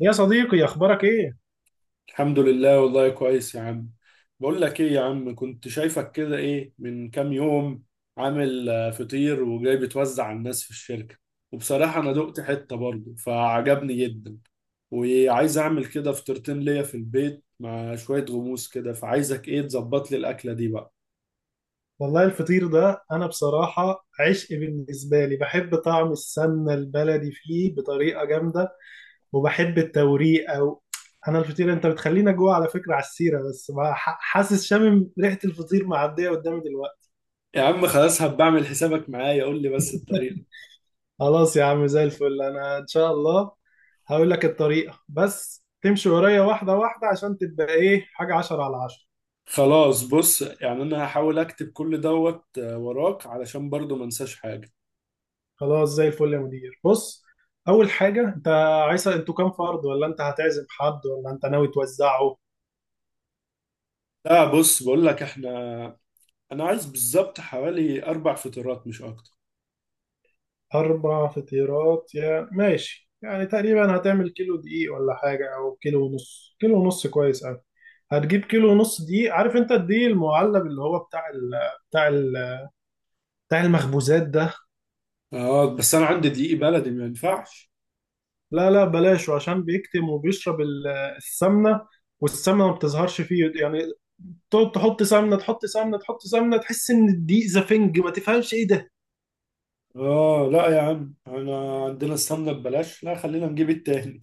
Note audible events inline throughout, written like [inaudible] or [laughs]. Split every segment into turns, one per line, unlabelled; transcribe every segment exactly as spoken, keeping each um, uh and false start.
يا صديقي اخبارك ايه؟
الحمد لله والله كويس يا عم. بقول لك ايه يا عم، كنت شايفك كده ايه من كام يوم عامل آه، فطير وجاي بتوزع على الناس في الشركة، وبصراحة انا دقت حتة برضه فعجبني جدا، وعايز اعمل كده فطيرتين ليا في البيت مع شوية غموس كده، فعايزك ايه تظبط لي الاكلة دي بقى.
والله الفطير ده انا بصراحه عشق بالنسبه لي، بحب طعم السمنه البلدي فيه بطريقه جامده، وبحب التوريق. او انا الفطير انت بتخلينا جوه، على فكره، على السيره بس بقى، ح- حاسس شامم ريحه الفطير معديه قدامي دلوقتي.
يا عم خلاص هبقى اعمل حسابك معايا، قول لي بس الطريقة.
خلاص يا عم، زي الفل، انا ان شاء الله هقول لك الطريقه، بس تمشي ورايا واحده واحده عشان تبقى ايه حاجه عشرة على عشرة.
خلاص بص، يعني انا هحاول اكتب كل دوت آه، وراك علشان برضه ما انساش حاجة.
خلاص، زي الفل يا مدير. بص، اول حاجه، انت عايز انتوا كام فرد، ولا انت هتعزم حد، ولا انت ناوي توزعه؟
لا بص، بقول لك احنا، انا عايز بالظبط حوالي اربع فطيرات مش اكتر.
اربع فطيرات، يا ماشي. يعني تقريبا هتعمل كيلو دقيق ولا حاجه، او كيلو ونص. كيلو ونص كويس قوي. هتجيب كيلو ونص دقيق. عارف انت الدقيق المعلب اللي هو بتاع ال بتاع ال بتاع المخبوزات ده؟
اه بس انا عندي دقيق بلدي، ما ينفعش؟
لا لا، بلاشه، عشان بيكتم وبيشرب ال- السمنه، والسمنه ما بتظهرش فيه يعني. تقعد تحط سمنه، تحط سمنه، تحط سمنه، تحس ان الدقيق زفنج، ما تفهمش ايه ده.
اه لا يا عم، انا عندنا السمنه ببلاش، لا خلينا نجيب التاني.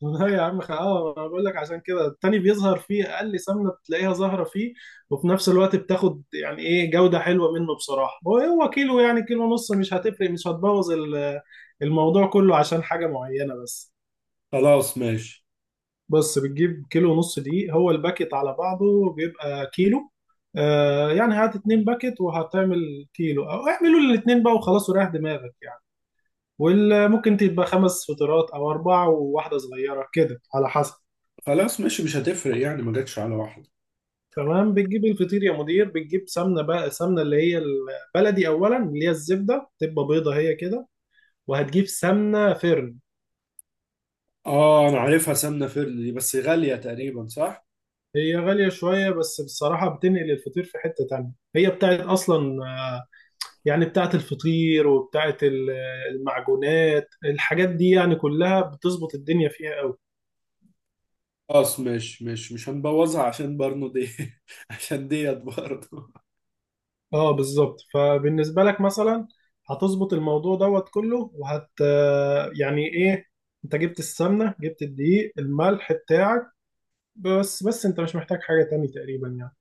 [laughs] لا يا عم، خ- اه، انا بقول لك عشان كده التاني بيظهر فيه، اقل سمنه بتلاقيها ظاهره فيه، وفي نفس الوقت بتاخد يعني ايه جوده حلوه منه بصراحه. هو هو كيلو يعني كيلو ونص مش هتفرق، مش هتبوظ ال- الموضوع كله عشان حاجه معينه. بس،
خلاص ماشي.
بس بتجيب كيلو ونص دقيق. هو الباكت على بعضه بيبقى كيلو. آه، يعني هات اتنين باكت وهتعمل كيلو، او اعملوا الاتنين بقى وخلاص وريح دماغك يعني. وممكن تبقى خمس فطيرات، او اربعه وواحده صغيره كده، على حسب.
خلاص ماشي، مش هتفرق يعني، ما جاتش على واحده.
تمام. بتجيب الفطير يا مدير، بتجيب سمنه، بقى سمنه اللي هي البلدي اولا، اللي هي الزبده تبقى بيضه، هي كده. وهتجيب سمنه فرن.
اه انا عارفها، سمنه فردي دي، بس غاليه تقريبا صح؟
هي غاليه شويه، بس بصراحه بتنقل الفطير في حته تانية. هي بتاعت اصلا، آه، يعني بتاعت الفطير وبتاعت ال- المعجونات، الحاجات دي يعني كلها بتظبط الدنيا فيها قوي.
خلاص ماشي ماشي، مش هنبوظها عشان برنو دي، [laughs] عشان ديت برضه.
اه بالظبط. فبالنسبة لك مثلا هتظبط الموضوع دوت كله، وهت يعني ايه، انت جبت السمنة، جبت الدقيق، الملح بتاعك، بس بس انت مش محتاج حاجة تاني تقريبا يعني.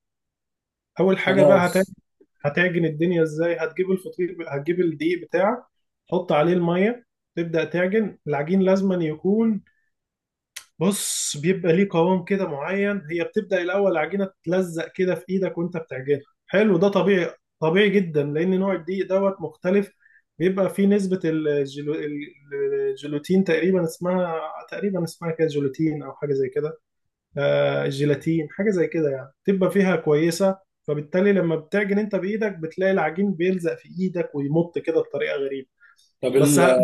اول حاجة بقى هت-
خلاص.
هتعجن الدنيا ازاي. هتجيب الفطير، هتجيب الدقيق بتاعك، تحط عليه المية، تبدأ تعجن العجين. لازما يكون، بص، بيبقى ليه قوام كده معين. هي بتبدأ الأول العجينة تتلزق كده في إيدك وأنت بتعجنها. حلو، ده طبيعي. طبيعي جدا، لأن نوع الدقيق دوت مختلف، بيبقى فيه نسبة الجلو... الجلوتين تقريبا اسمها، تقريبا اسمها كده جلوتين أو حاجة زي كده. آه الجيلاتين حاجة زي كده يعني، بتبقى فيها كويسة. فبالتالي لما بتعجن أنت بإيدك بتلاقي العجين بيلزق في إيدك ويمط كده بطريقة غريبة.
طب
بس
ال-
ه-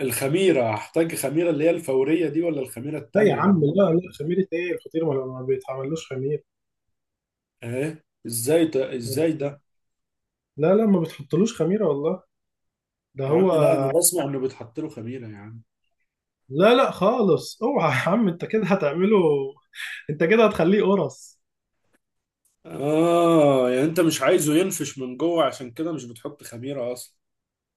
الخميره، هحتاج خميره اللي هي الفوريه دي ولا الخميره
لا يا
التانيه؟
عم، لا لا، خميرة إيه، الفطير ما ما بيتعملوش خميرة.
ايه ازاي ده، ازاي ده؟
لا لا، ما بتحطلوش خميرة والله. ده
يا عم
هو.
لا، انا بسمع انه بيتحط له خميره يا عم.
لا لا خالص، اوعى يا عم، انت كده هتعمله، انت كده هتخليه قرص.
اه يعني انت مش عايزه ينفش من جوه، عشان كده مش بتحط خميره اصلا؟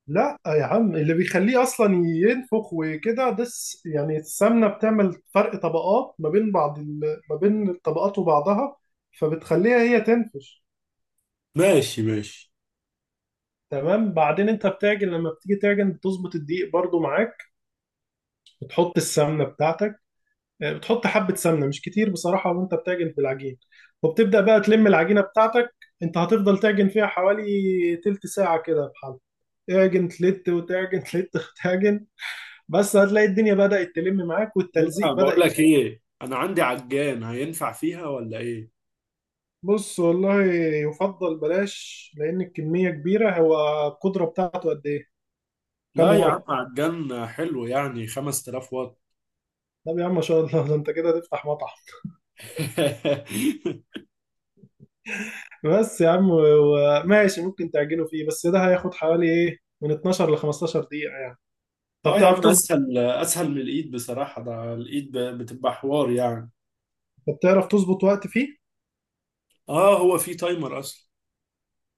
لا يا عم، اللي بيخليه اصلا ينفخ وكده ده الس- يعني السمنة، بتعمل فرق طبقات ما بين بعض ال... ما بين الطبقات وبعضها، فبتخليها هي تنفش.
ماشي ماشي.
تمام. بعدين انت بتعجن، لما بتيجي تعجن بتظبط الدقيق برضو معاك، بتحط السمنة بتاعتك، آه، بتحط حبة سمنة مش كتير بصراحة، وانت بتعجن في العجين، وبتبدأ بقى تلم العجينة بتاعتك. انت هتفضل تعجن فيها حوالي تلت ساعة كده بحال. تعجن تلت، وتعجن [laughs] تلت، وتعجن. بس هتلاقي الدنيا بدأت تلم معاك
انا
والتلزيق بدأ
بقول لك
يقل.
ايه، انا عندي عجان هينفع فيها ولا ايه؟
بص، والله يفضل بلاش، لأن الكمية كبيرة. هو القدرة بتاعته قد إيه؟ كام
لا يا عم،
واط؟
عجان حلو، يعني خمسة آلاف واط.
طب يا عم ما شاء الله، ده انت كده هتفتح مطعم.
[laughs]
بس يا عم و- ماشي، ممكن تعجنه فيه، بس ده هياخد حوالي ايه من اتناشر ل خمستاشر دقيقة يعني. طب
اه يا
تعرف
عم،
تظبط؟
اسهل اسهل من الايد بصراحه، ده الايد ب- بتبقى حوار يعني.
بتعرف تظبط وقت فيه؟
اه هو في تايمر اصلا.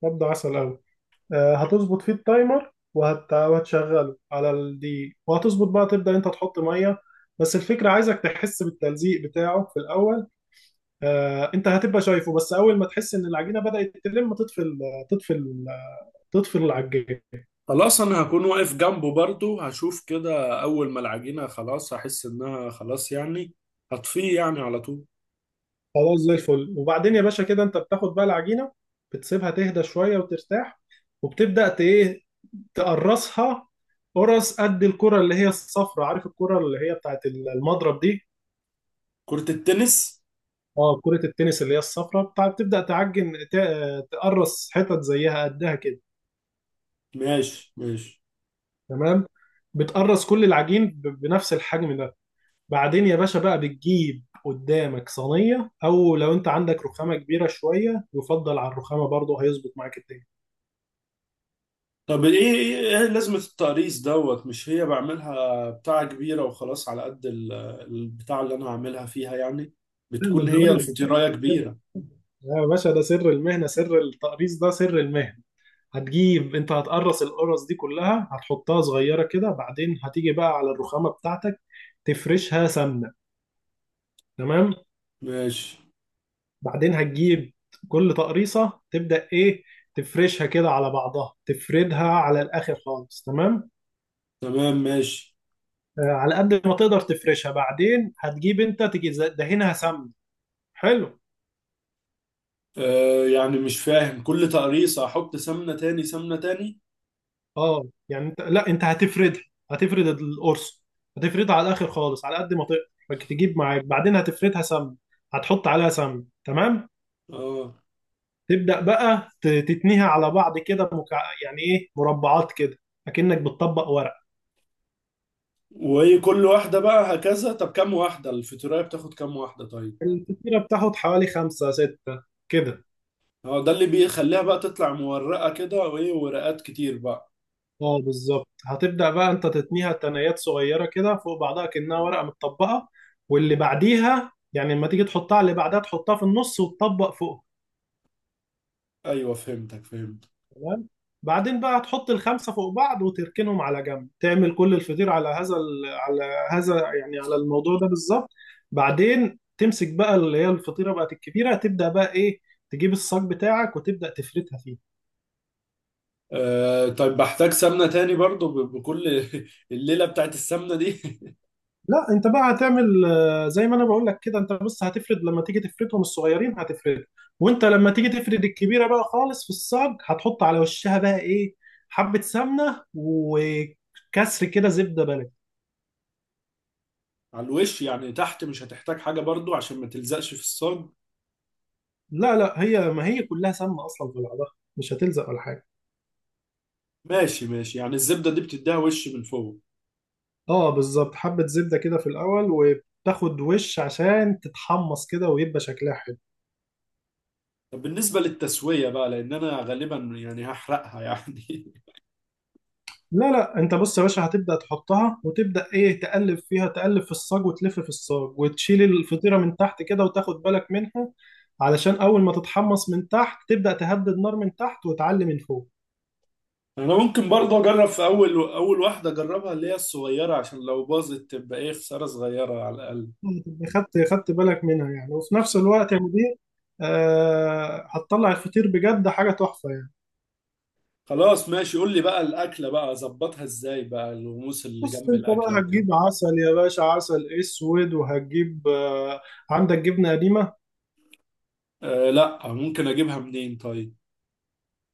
مبدأ عسل أوي. آه، هتظبط فيه التايمر، وهت... وهتشغله على الدقيق، وهتظبط بقى تبدأ أنت تحط مية. بس الفكرة عايزك تحس بالتلزيق بتاعه في الأول. آه، أنت هتبقى شايفه، بس أول ما تحس إن العجينة بدأت تلم تطفي ال- تطفي ال- تطفي العجين.
خلاص انا هكون واقف جنبه برضو، هشوف كده اول ما العجينة خلاص هحس انها خلاص يعني، هطفيه يعني على طول.
خلاص، زي الفل. وبعدين يا باشا كده أنت بتاخد بقى العجينة، بتسيبها تهدى شوية وترتاح، وبتبدأ ت- إيه، تقرصها، قرص قد الكرة اللي هي الصفرة، عارف الكرة اللي هي بتاعت المضرب دي؟
كرة التنس.
اه، كرة التنس. اللي هي الصفرة بتاع بتبدأ تعجن، ت- تقرص حتت زيها قدها كده.
ماشي ماشي.
تمام. بتقرص كل العجين ب- بنفس الحجم ده. بعدين يا باشا بقى بتجيب قدامك صينية، او لو انت عندك رخامة كبيرة شوية يفضل على الرخامة برضه، هيظبط معاك الدنيا.
طب ايه ايه إيه لازمة التقريص دوت؟ مش هي بعملها بتاعة كبيرة وخلاص على قد ال- البتاع اللي انا هعملها فيها يعني،
لا، ما
بتكون
أنا
هي
هقول لك
الفطيراية
السر.
كبيرة.
يا باشا ده سر المهنة، سر التقريص ده سر المهنة. هتجيب، انت هتقرص القرص دي كلها هتحطها صغيرة كده، بعدين هتيجي بقى على الرخامة بتاعتك تفرشها سمنة. تمام.
ماشي.
بعدين هتجيب كل تقريصة، تبدأ إيه، تفرشها كده على بعضها، تفردها على الآخر خالص. تمام.
تمام ماشي.
آه، على قد ما تقدر تفرشها. بعدين هتجيب أنت، تيجي ز- دهنها سمن. حلو.
آه يعني مش فاهم، كل تقريصة احط سمنة تاني، سمنة تاني؟
أه يعني أنت، لا أنت هتفردها، هتفرد القرص، هتفردها على الآخر خالص على قد ما تقدر. فك- تجيب معاك، بعدين هتفردها سمن، هتحط عليها سمن. تمام.
اه.
تبدأ بقى ت- تتنيها على بعض كده، مكع... يعني إيه، مربعات كده، أكنك بتطبق ورق.
وهي كل واحدة بقى هكذا، طب كام واحدة الفاتورة بتاخد، كام واحدة طيب؟
الفطيرة بتاخد حوالي خمسة ستة كده.
هو ده اللي بيخليها بقى تطلع مورقة كده وايه، ورقات كتير بقى؟
اه بالظبط، هتبدأ بقى انت تتنيها تنايات صغيرة كده فوق بعضها كأنها ورقة متطبقة، واللي بعديها يعني لما تيجي تحطها اللي بعدها تحطها في النص وتطبق فوق.
ايوه، فهمتك فهمت.
تمام. بعدين بقى تحط الخمسة فوق بعض وتركنهم على جنب، تعمل كل الفطير على هذا ال... على هذا، يعني على الموضوع ده بالظبط. بعدين تمسك بقى، اللي هي الفطيرة بقت الكبيرة، تبدأ بقى ايه، تجيب الصاج بتاعك وتبدأ تفردها فيه.
آه طيب، بحتاج سمنة تاني برضو ب- بكل، [laughs] الليلة بتاعت السمنة دي. [laughs]
لا، انت بقى هتعمل، آه، زي ما انا بقول لك كده، انت بس هتفرد لما تيجي تفردهم الصغيرين هتفرد، وانت لما تيجي تفرد الكبيره بقى خالص في الصاج هتحط على وشها بقى ايه، حبه سمنه وكسر كده زبده بلدي.
على الوش، يعني تحت مش هتحتاج حاجة برضو عشان ما تلزقش في الصاج؟
لا لا، هي ما هي كلها سمنه اصلا في بعضها، مش هتلزق ولا حاجه.
ماشي ماشي، يعني الزبدة دي بتديها وش من فوق.
اه بالظبط، حبه زبده كده في الاول، وبتاخد وش عشان تتحمص كده ويبقى شكلها حلو.
طب بالنسبة للتسوية بقى، لأن أنا غالبا يعني هحرقها [laughs] يعني.
لا لا، انت بص يا باشا، هتبدأ تحطها وتبدأ ايه، تقلب فيها، تقلب في الصاج وتلف في الصاج وتشيل الفطيرة من تحت كده وتاخد بالك منها، علشان اول ما تتحمص من تحت تبدأ تهدي النار من تحت وتعلي من فوق.
انا ممكن برضه اجرب في اول اول واحده، اجربها اللي هي الصغيره، عشان لو باظت تبقى ايه، خساره صغيره على الاقل.
تبقى خدت خدت بالك منها يعني، وفي نفس الوقت يا مدير، آه هتطلع الفطير بجد حاجة تحفة يعني.
خلاص ماشي، قول لي بقى الاكله بقى اظبطها ازاي، بقى الغموس اللي
بص،
جنب
انت
الاكله
بقى
وكده.
هتجيب عسل يا باشا، عسل اسود، وهتجيب آه عندك جبنة قديمة.
آه لا، ممكن اجيبها منين طيب؟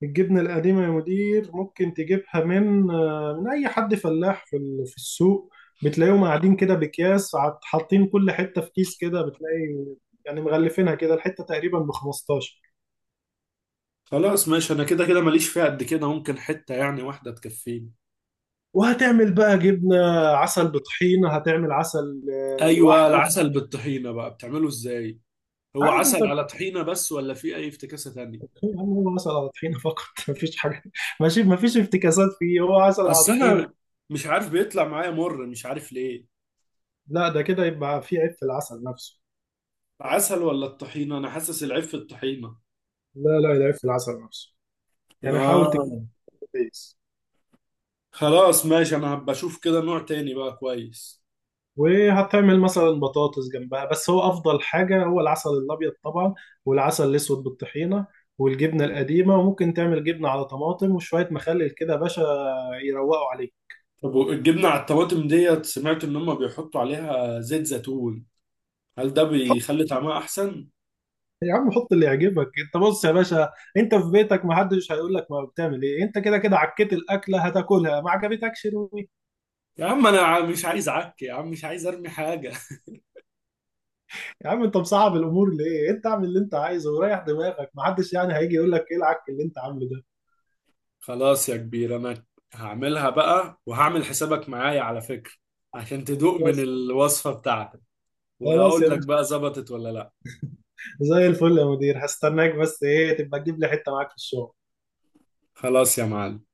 الجبنة القديمة يا مدير ممكن تجيبها من، آه، من أي حد فلاح في ال- في السوق، بتلاقيهم قاعدين كده بأكياس، عط- حاطين كل حتة في كيس كده. بتلاقي يعني مغلفينها كده، الحتة تقريبا ب خمستاشر.
خلاص ماشي، انا كده كده ماليش فيها قد كده، ممكن حته يعني واحده تكفيني.
وهتعمل بقى جبنة، عسل بطحينة، هتعمل عسل آه،
ايوه،
لوحده.
العسل بالطحينه بقى بتعمله ازاي؟ هو
عادي انت
عسل على طحينه بس، ولا في اي افتكاسه تانية؟
بتطحين، هو عسل على طحينة فقط. [laughs] مفيش حاجة، ماشي، مفيش افتكاسات فيه، هو عسل على
اصل
طحينة.
انا مش عارف، بيطلع معايا مر، مش عارف ليه.
لا، ده كده يبقى فيه عيب في العسل نفسه.
عسل ولا الطحينة؟ انا حاسس العيب في الطحينة.
لا لا، ده عيب في العسل نفسه، يعني حاول تجيب
اه.
كويس.
خلاص ماشي، انا هبقى اشوف كده نوع تاني بقى كويس.
وهتعمل مثلا بطاطس جنبها، بس هو افضل حاجه هو العسل الابيض طبعا، والعسل الاسود بالطحينه، والجبنه القديمه، وممكن تعمل جبنه على طماطم وشويه مخلل كده يا باشا، يروقوا عليه.
طب الجبنة على الطماطم ديت، سمعت ان هم بيحطوا عليها زيت زيتون، هل ده
حط،
بيخلي طعمها احسن؟
يا عم حط اللي يعجبك انت، بص يا باشا، انت في بيتك ما حدش هيقول لك ما بتعمل ايه. انت كده كده عكيت الاكله، هتاكلها ما عجبتكش روي.
يا عم انا ع- مش عايز عك يا عم، مش عايز ارمي حاجة. [laughs]
يا عم انت مصعب الامور ليه، انت اعمل اللي انت عايزه وريح دماغك، ما حدش يعني هيجي يقول لك ايه العك اللي انت عامله ده.
خلاص يا كبير، انا هعملها بقى، وهعمل حسابك معايا على فكرة، عشان تدوق من
خلاص.
الوصفة بتاعتك،
خلاص
وهقول
يا
لك بقى ظبطت ولا لا.
زي الفل يا مدير، هستناك، بس ايه تبقى تجيب لي حته معاك في الشغل.
خلاص يا معلم.